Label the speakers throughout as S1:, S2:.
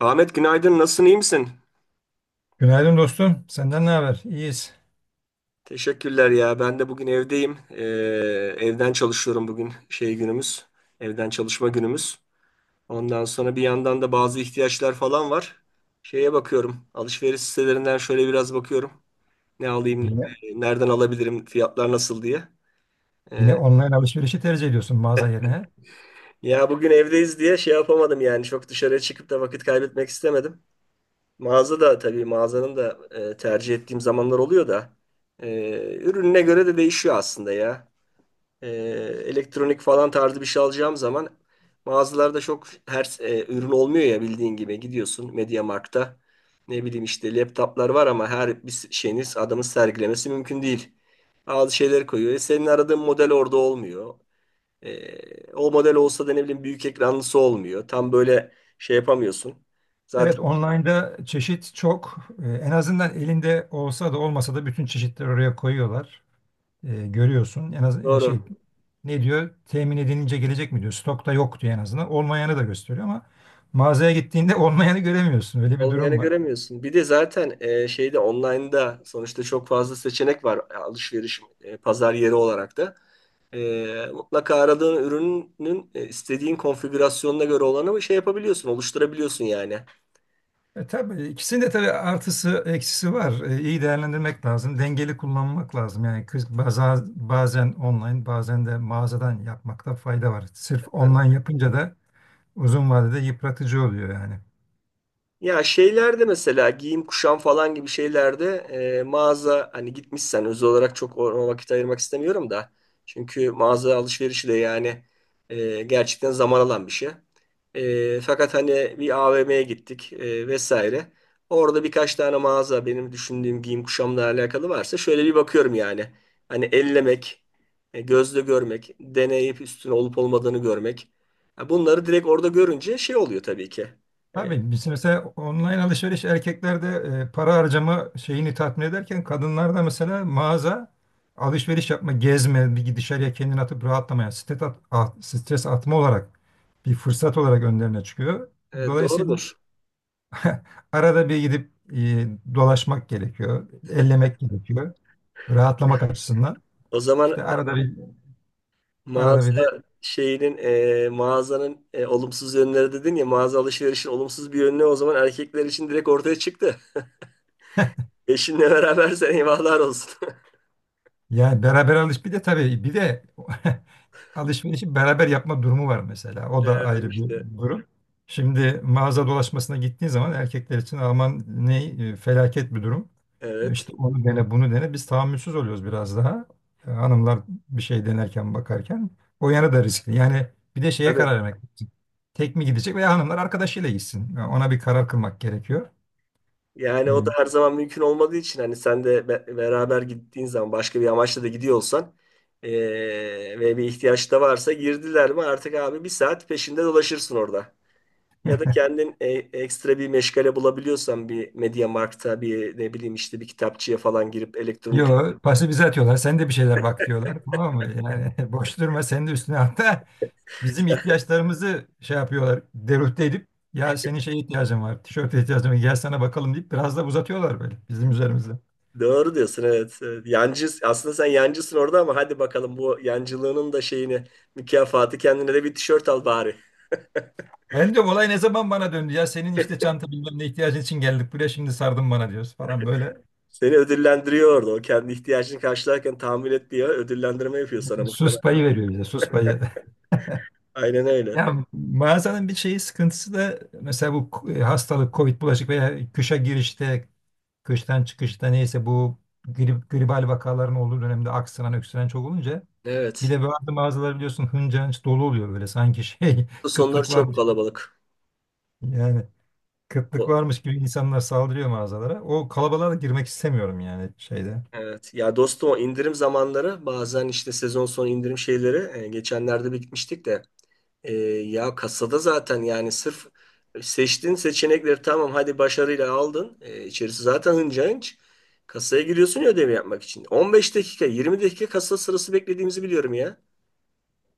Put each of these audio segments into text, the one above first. S1: Ahmet günaydın. Nasılsın? İyi misin?
S2: Günaydın dostum. Senden ne haber? İyiyiz.
S1: Teşekkürler ya. Ben de bugün evdeyim. Evden çalışıyorum bugün. Şey günümüz. Evden çalışma günümüz. Ondan sonra bir yandan da bazı ihtiyaçlar falan var. Şeye bakıyorum. Alışveriş sitelerinden şöyle biraz bakıyorum. Ne alayım,
S2: Yine,
S1: nereden alabilirim, fiyatlar nasıl diye.
S2: yine
S1: Ee,
S2: online alışverişi tercih ediyorsun mağaza yerine.
S1: ya bugün evdeyiz diye şey yapamadım yani. Çok dışarıya çıkıp da vakit kaybetmek istemedim. Mağaza da tabii, mağazanın da tercih ettiğim zamanlar oluyor da. e, ürününe göre de değişiyor aslında ya. e, elektronik falan tarzı bir şey alacağım zaman mağazalarda çok her ürün olmuyor ya. Bildiğin gibi, gidiyorsun MediaMarkt'ta, ne bileyim işte laptoplar var ama her bir şeyiniz adamın sergilemesi mümkün değil. Bazı şeyler koyuyor. Senin aradığın model orada olmuyor. O model olsa da ne bileyim büyük ekranlısı olmuyor. Tam böyle şey yapamıyorsun. Zaten
S2: Evet, online'da çeşit çok. En azından elinde olsa da olmasa da bütün çeşitleri oraya koyuyorlar. Görüyorsun. En az şey
S1: doğru.
S2: ne diyor? Temin edilince gelecek mi diyor. Stokta yok diyor en azından. Olmayanı da gösteriyor ama mağazaya gittiğinde olmayanı göremiyorsun. Öyle bir
S1: Olmayanı
S2: durum var.
S1: göremiyorsun. Bir de zaten şeyde, online'da sonuçta çok fazla seçenek var, alışveriş pazar yeri olarak da. Mutlaka aradığın ürünün istediğin konfigürasyonuna göre olanı şey yapabiliyorsun, oluşturabiliyorsun yani.
S2: E, tabii ikisinin de artısı eksisi var. E, iyi değerlendirmek lazım. Dengeli kullanmak lazım. Yani bazen online bazen de mağazadan yapmakta fayda var. Sırf online yapınca da uzun vadede yıpratıcı oluyor yani.
S1: Ya şeylerde, mesela giyim kuşam falan gibi şeylerde, mağaza, hani gitmişsen, özel olarak çok ona vakit ayırmak istemiyorum da. Çünkü mağaza alışverişi de yani gerçekten zaman alan bir şey. Fakat hani bir AVM'ye gittik vesaire. Orada birkaç tane mağaza benim düşündüğüm giyim kuşamla alakalı varsa şöyle bir bakıyorum yani. Hani ellemek, gözle görmek, deneyip üstüne olup olmadığını görmek. Ha, bunları direkt orada görünce şey oluyor tabii ki. E,
S2: Tabii biz mesela online alışveriş erkeklerde para harcama şeyini tatmin ederken kadınlarda mesela mağaza alışveriş yapma, gezme, bir dışarıya kendini atıp rahatlamaya, stres atma olarak bir fırsat olarak önlerine çıkıyor. Dolayısıyla
S1: Doğrudur.
S2: arada bir gidip dolaşmak gerekiyor, ellemek gerekiyor, rahatlamak açısından.
S1: O zaman
S2: İşte arada bir
S1: mağaza
S2: arada bir de
S1: şeyinin, mağazanın olumsuz yönleri dedin ya, mağaza alışverişin olumsuz bir yönü o zaman erkekler için direkt ortaya çıktı. Eşinle berabersen eyvahlar olsun.
S2: yani beraber alış bir de tabii bir de alışverişi beraber yapma durumu var mesela. O da
S1: Yani
S2: ayrı
S1: işte
S2: bir durum. Şimdi mağaza dolaşmasına gittiğin zaman erkekler için aman ne felaket bir durum. E, İşte
S1: evet.
S2: onu dene bunu dene biz tahammülsüz oluyoruz biraz daha. E, hanımlar bir şey denerken bakarken o yana da riskli. Yani bir de şeye karar
S1: Tabii.
S2: vermek. Tek mi gidecek veya hanımlar arkadaşıyla gitsin. Yani ona bir karar kılmak gerekiyor.
S1: Yani o da
S2: E,
S1: her zaman mümkün olmadığı için, hani sen de beraber gittiğin zaman, başka bir amaçla da gidiyor olsan e, ve bir ihtiyaç da varsa, girdiler mi artık abi bir saat peşinde dolaşırsın orada. Ya da kendin ekstra bir meşgale bulabiliyorsan, bir Media Markt'a, bir ne bileyim işte bir kitapçıya falan girip elektronik.
S2: Yo, pası bize atıyorlar. Sen de bir şeyler bak diyorlar. Tamam mı? Yani boş durma sen de üstüne, hatta bizim ihtiyaçlarımızı şey yapıyorlar. Deruhte edip ya senin şeye ihtiyacın var. Tişörte ihtiyacın var. Gel sana bakalım deyip biraz da uzatıyorlar böyle bizim üzerimizde.
S1: Doğru diyorsun, evet. Evet. Yancı, aslında sen yancısın orada, ama hadi bakalım, bu yancılığının da şeyini, mükafatı, kendine de bir tişört al bari.
S2: Ben diyorum olay ne zaman bana döndü ya senin işte çanta bilmem ne ihtiyacın için geldik buraya şimdi sardın bana diyoruz falan böyle.
S1: Seni ödüllendiriyor orada. O kendi ihtiyacını karşılarken tahmin et diye ödüllendirme yapıyor sana
S2: Sus
S1: muhtemelen.
S2: payı veriyor bize, sus payı.
S1: Aynen öyle.
S2: Ya mağazanın bir şeyi sıkıntısı da mesela bu hastalık, Covid bulaşık veya kışa girişte, kıştan çıkışta neyse bu grip, gribal vakaların olduğu dönemde aksıran, öksüren çok olunca bir
S1: Evet.
S2: de bazı mağazalar biliyorsun hınca hınç dolu oluyor böyle sanki şey
S1: Bu sonları
S2: kıtlık
S1: çok
S2: varmış
S1: kalabalık.
S2: yani kıtlık
S1: O-
S2: varmış gibi insanlar saldırıyor mağazalara. O kalabalığa da girmek istemiyorum yani şeyde.
S1: Evet. Ya dostum, o indirim zamanları, bazen işte sezon sonu indirim şeyleri, geçenlerde bir gitmiştik de, ya kasada zaten, yani sırf seçtiğin seçenekleri tamam, hadi başarıyla aldın. E, içerisi zaten hınca hınç. Kasaya giriyorsun ya ödevi yapmak için. 15 dakika, 20 dakika kasa sırası beklediğimizi biliyorum ya.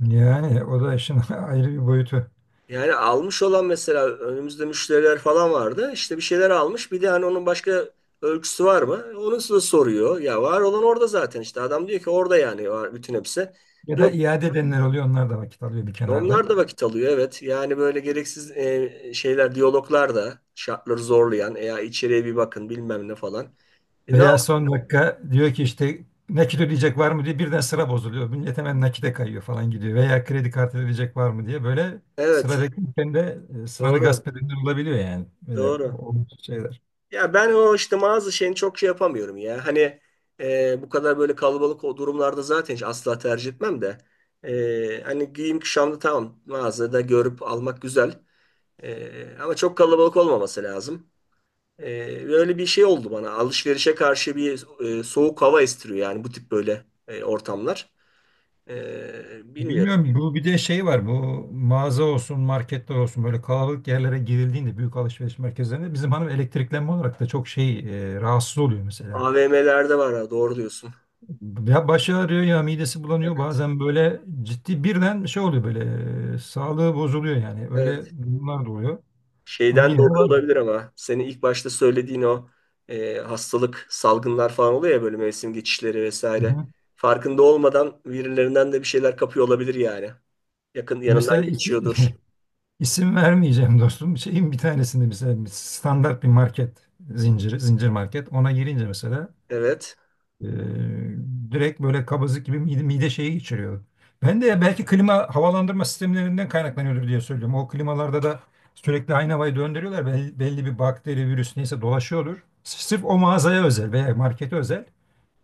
S2: Yani o da işin ayrı bir boyutu.
S1: Yani almış olan, mesela önümüzde müşteriler falan vardı. İşte bir şeyler almış. Bir de hani onun başka ölçüsü var mı, onu size soruyor. Ya var olan orada zaten işte. Adam diyor ki orada, yani var bütün hepsi.
S2: Ya da iade edenler oluyor, onlar da vakit alıyor bir
S1: Onlar
S2: kenarda.
S1: da vakit alıyor, evet. Yani böyle gereksiz şeyler, diyaloglar da şartları zorlayan, "E ya içeriye bir bakın bilmem ne" falan. E, ne
S2: Veya
S1: yap-
S2: son dakika diyor ki işte nakit ödeyecek var mı diye birden sıra bozuluyor. Millet hemen nakite kayıyor falan gidiyor. Veya kredi kartı ödeyecek var mı diye böyle sıra
S1: Evet,
S2: beklerken de sıranı
S1: doğru,
S2: gasp edenler olabiliyor yani. Böyle
S1: doğru.
S2: o şeyler.
S1: Ya ben o işte bazı şeyini çok şey yapamıyorum ya. Hani bu kadar böyle kalabalık, o durumlarda zaten hiç asla tercih etmem de. Hani giyim kuşamda tamam, mağazada görüp almak güzel. Ama çok kalabalık olmaması lazım. Böyle bir şey oldu bana. Alışverişe karşı bir soğuk hava estiriyor yani bu tip böyle ortamlar. Bilmiyorum.
S2: Bilmiyorum, bu bir de şey var, bu mağaza olsun marketler olsun böyle kalabalık yerlere girildiğinde büyük alışveriş merkezlerinde bizim hanım elektriklenme olarak da çok şey rahatsız oluyor mesela.
S1: AVM'lerde var, ha, doğru diyorsun.
S2: Ya başı ağrıyor ya midesi bulanıyor.
S1: Evet,
S2: Bazen böyle ciddi birden şey oluyor böyle sağlığı bozuluyor yani. Öyle
S1: evet.
S2: durumlar da oluyor. Ama
S1: Şeyden
S2: yine de
S1: dolayı
S2: var.
S1: olabilir, ama senin ilk başta söylediğin o hastalık, salgınlar falan oluyor ya böyle, mevsim geçişleri
S2: Hı
S1: vesaire.
S2: hı.
S1: Farkında olmadan birilerinden de bir şeyler kapıyor olabilir yani. Yakın
S2: Mesela
S1: yanından geçiyordur.
S2: isim vermeyeceğim dostum. Şeyin bir tanesinde mesela bir standart bir market zincir market. Ona girince mesela
S1: Evet.
S2: Ee, direkt böyle kabızlık gibi mide şeyi geçiriyor. Ben de belki klima havalandırma sistemlerinden kaynaklanıyordur diye söylüyorum. O klimalarda da sürekli aynı havayı döndürüyorlar. Belli bir bakteri, virüs neyse dolaşıyordur. Sırf o mağazaya özel veya markete özel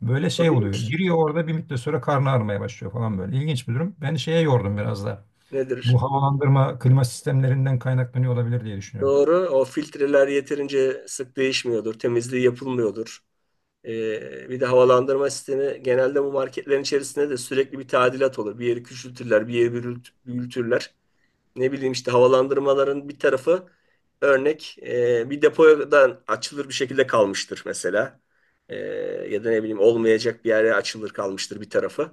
S2: böyle şey oluyor.
S1: Olabilir.
S2: Giriyor orada bir müddet sonra karnı ağrımaya başlıyor falan böyle. İlginç bir durum. Ben şeye yordum biraz da.
S1: Nedir?
S2: Bu havalandırma klima sistemlerinden kaynaklanıyor olabilir diye düşünüyorum.
S1: Doğru. O filtreler yeterince sık değişmiyordur. Temizliği yapılmıyordur. Bir de havalandırma sistemi, genelde bu marketlerin içerisinde de sürekli bir tadilat olur. Bir yeri küçültürler, bir yeri büyütürler. Ne bileyim işte, havalandırmaların bir tarafı örnek, bir depodan açılır bir şekilde kalmıştır mesela. Ee, ya da ne bileyim, olmayacak bir yere açılır kalmıştır bir tarafı.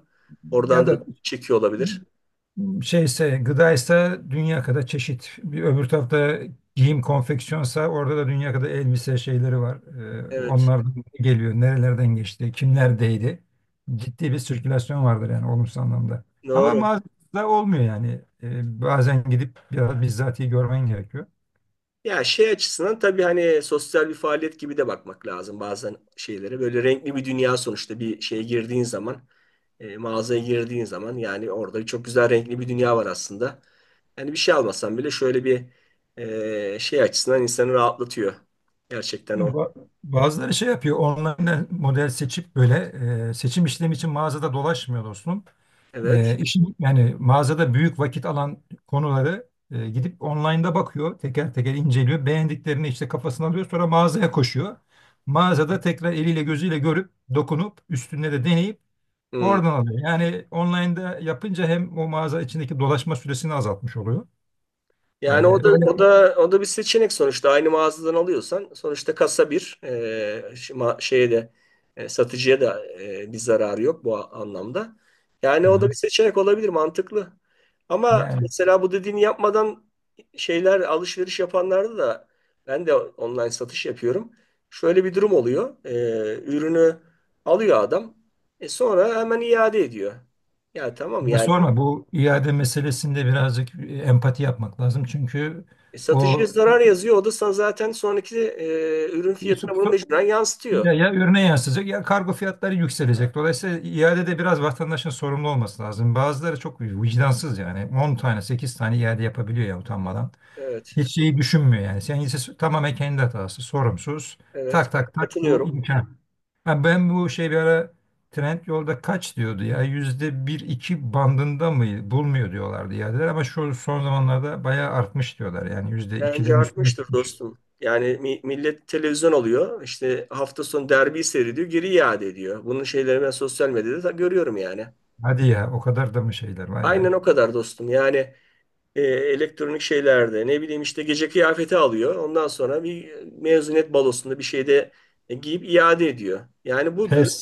S2: Ya
S1: Oradan da
S2: da
S1: çekiyor olabilir.
S2: şeyse gıdaysa dünya kadar çeşit. Bir öbür tarafta giyim konfeksiyonsa orada da dünya kadar elbise şeyleri var.
S1: Evet.
S2: Onlar da geliyor. Nerelerden geçti? Kimlerdeydi? Ciddi bir sirkülasyon vardır yani olumsuz anlamda. Ama
S1: Doğru.
S2: mağazada olmuyor yani. Bazen gidip biraz bizzatihi görmen gerekiyor.
S1: Ya şey açısından tabii, hani sosyal bir faaliyet gibi de bakmak lazım bazen şeylere. Böyle renkli bir dünya sonuçta, bir şeye girdiğin zaman, mağazaya girdiğin zaman yani, orada çok güzel renkli bir dünya var aslında. Yani bir şey almasan bile şöyle bir şey açısından insanı rahatlatıyor. Gerçekten
S2: Yani
S1: o.
S2: bazıları şey yapıyor. Online model seçip böyle seçim işlemi için mağazada dolaşmıyor dostum.
S1: Evet.
S2: E, işin yani mağazada büyük vakit alan konuları gidip online'da bakıyor. Teker teker inceliyor. Beğendiklerini işte kafasına alıyor. Sonra mağazaya koşuyor. Mağazada tekrar eliyle gözüyle görüp dokunup üstünde de deneyip
S1: Hmm.
S2: oradan alıyor. Yani online'da yapınca hem o mağaza içindeki dolaşma süresini azaltmış oluyor. E,
S1: Yani o da
S2: öyle.
S1: o da o da bir seçenek sonuçta. Aynı mağazadan alıyorsan sonuçta kasa bir şeye de, satıcıya da bir zararı yok bu anlamda. Yani o da
S2: Hı.
S1: bir seçenek olabilir, mantıklı. Ama
S2: Yani
S1: mesela bu dediğini yapmadan şeyler alışveriş yapanlarda da, ben de online satış yapıyorum. Şöyle bir durum oluyor. Ürünü alıyor adam. Sonra hemen iade ediyor. Ya tamam
S2: ne
S1: yani.
S2: sorma, bu iade meselesinde birazcık empati yapmak lazım. Çünkü
S1: Satıcıya
S2: o
S1: zarar yazıyor. O da zaten sonraki ürün fiyatına bunu mecburen yansıtıyor.
S2: ya ürüne yansıyacak ya kargo fiyatları yükselecek. Dolayısıyla iadede biraz vatandaşın sorumlu olması lazım. Bazıları çok vicdansız yani. 10 tane 8 tane iade yapabiliyor ya utanmadan.
S1: Evet,
S2: Hiç şeyi düşünmüyor yani. Sen ise tamamen kendi hatası sorumsuz.
S1: evet.
S2: Tak tak tak bu
S1: Katılıyorum.
S2: imkan. Ha, ben bu şey bir ara Trendyol'da kaç diyordu ya, yüzde bir iki bandında mı bulmuyor diyorlardı iadeler, ama şu son zamanlarda bayağı artmış diyorlar yani yüzde
S1: Bence
S2: ikilerin üstüne
S1: artmıştır
S2: çıkmış.
S1: dostum. Yani millet televizyon alıyor. İşte hafta sonu derbi seyrediyor. Geri iade ediyor. Bunun şeyleri ben sosyal medyada da görüyorum yani.
S2: Hadi ya, o kadar da mı şeyler, vay
S1: Aynen
S2: be.
S1: o kadar dostum. Yani elektronik şeylerde ne bileyim işte gece kıyafeti alıyor. Ondan sonra bir mezuniyet balosunda bir şeyde giyip iade ediyor. Yani bu dürüst
S2: Pes.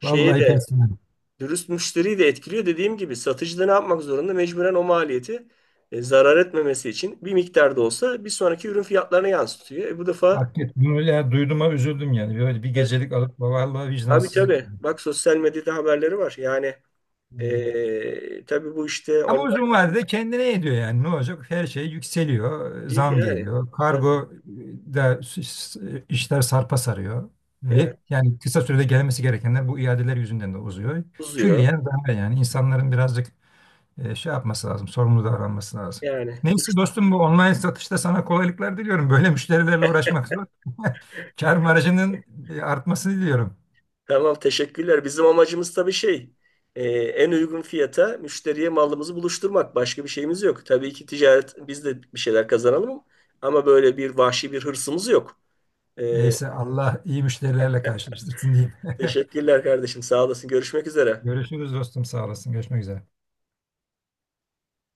S1: şeye
S2: Vallahi
S1: de
S2: pes yani.
S1: dürüst müşteriyi de etkiliyor. Dediğim gibi, satıcı da ne yapmak zorunda? Mecburen o maliyeti, zarar etmemesi için bir miktar da olsa bir sonraki ürün fiyatlarına yansıtıyor. Bu defa
S2: Hakikaten bunu ya duyduğuma üzüldüm yani. Böyle bir
S1: evet.
S2: gecelik alıp vallahi
S1: Tabii,
S2: vicdansızlık.
S1: tabii. Bak, sosyal medyada haberleri var. Yani
S2: Hmm.
S1: tabii bu işte
S2: Ama
S1: online
S2: uzun vadede kendine ediyor yani. Ne olacak? Her şey yükseliyor.
S1: değil
S2: Zam
S1: yani.
S2: geliyor.
S1: Tabii,
S2: Kargo da işler sarpa sarıyor. Ve
S1: evet.
S2: yani kısa sürede gelmesi gerekenler bu iadeler yüzünden de uzuyor.
S1: Uzuyor.
S2: Külliyen zarar yani. İnsanların birazcık şey yapması lazım, sorumlu davranması lazım.
S1: Yani.
S2: Neyse dostum, bu online satışta sana kolaylıklar diliyorum. Böyle müşterilerle uğraşmak zor. Kar marjının artmasını diliyorum.
S1: Tamam, teşekkürler. Bizim amacımız tabii şey, en uygun fiyata müşteriye malımızı buluşturmak. Başka bir şeyimiz yok. Tabii ki ticaret, biz de bir şeyler kazanalım, ama böyle bir vahşi bir hırsımız yok. E,
S2: Neyse, Allah iyi müşterilerle karşılaştırsın diyeyim.
S1: teşekkürler kardeşim. Sağ olasın. Görüşmek üzere.
S2: Görüşürüz dostum, sağ olasın. Görüşmek üzere.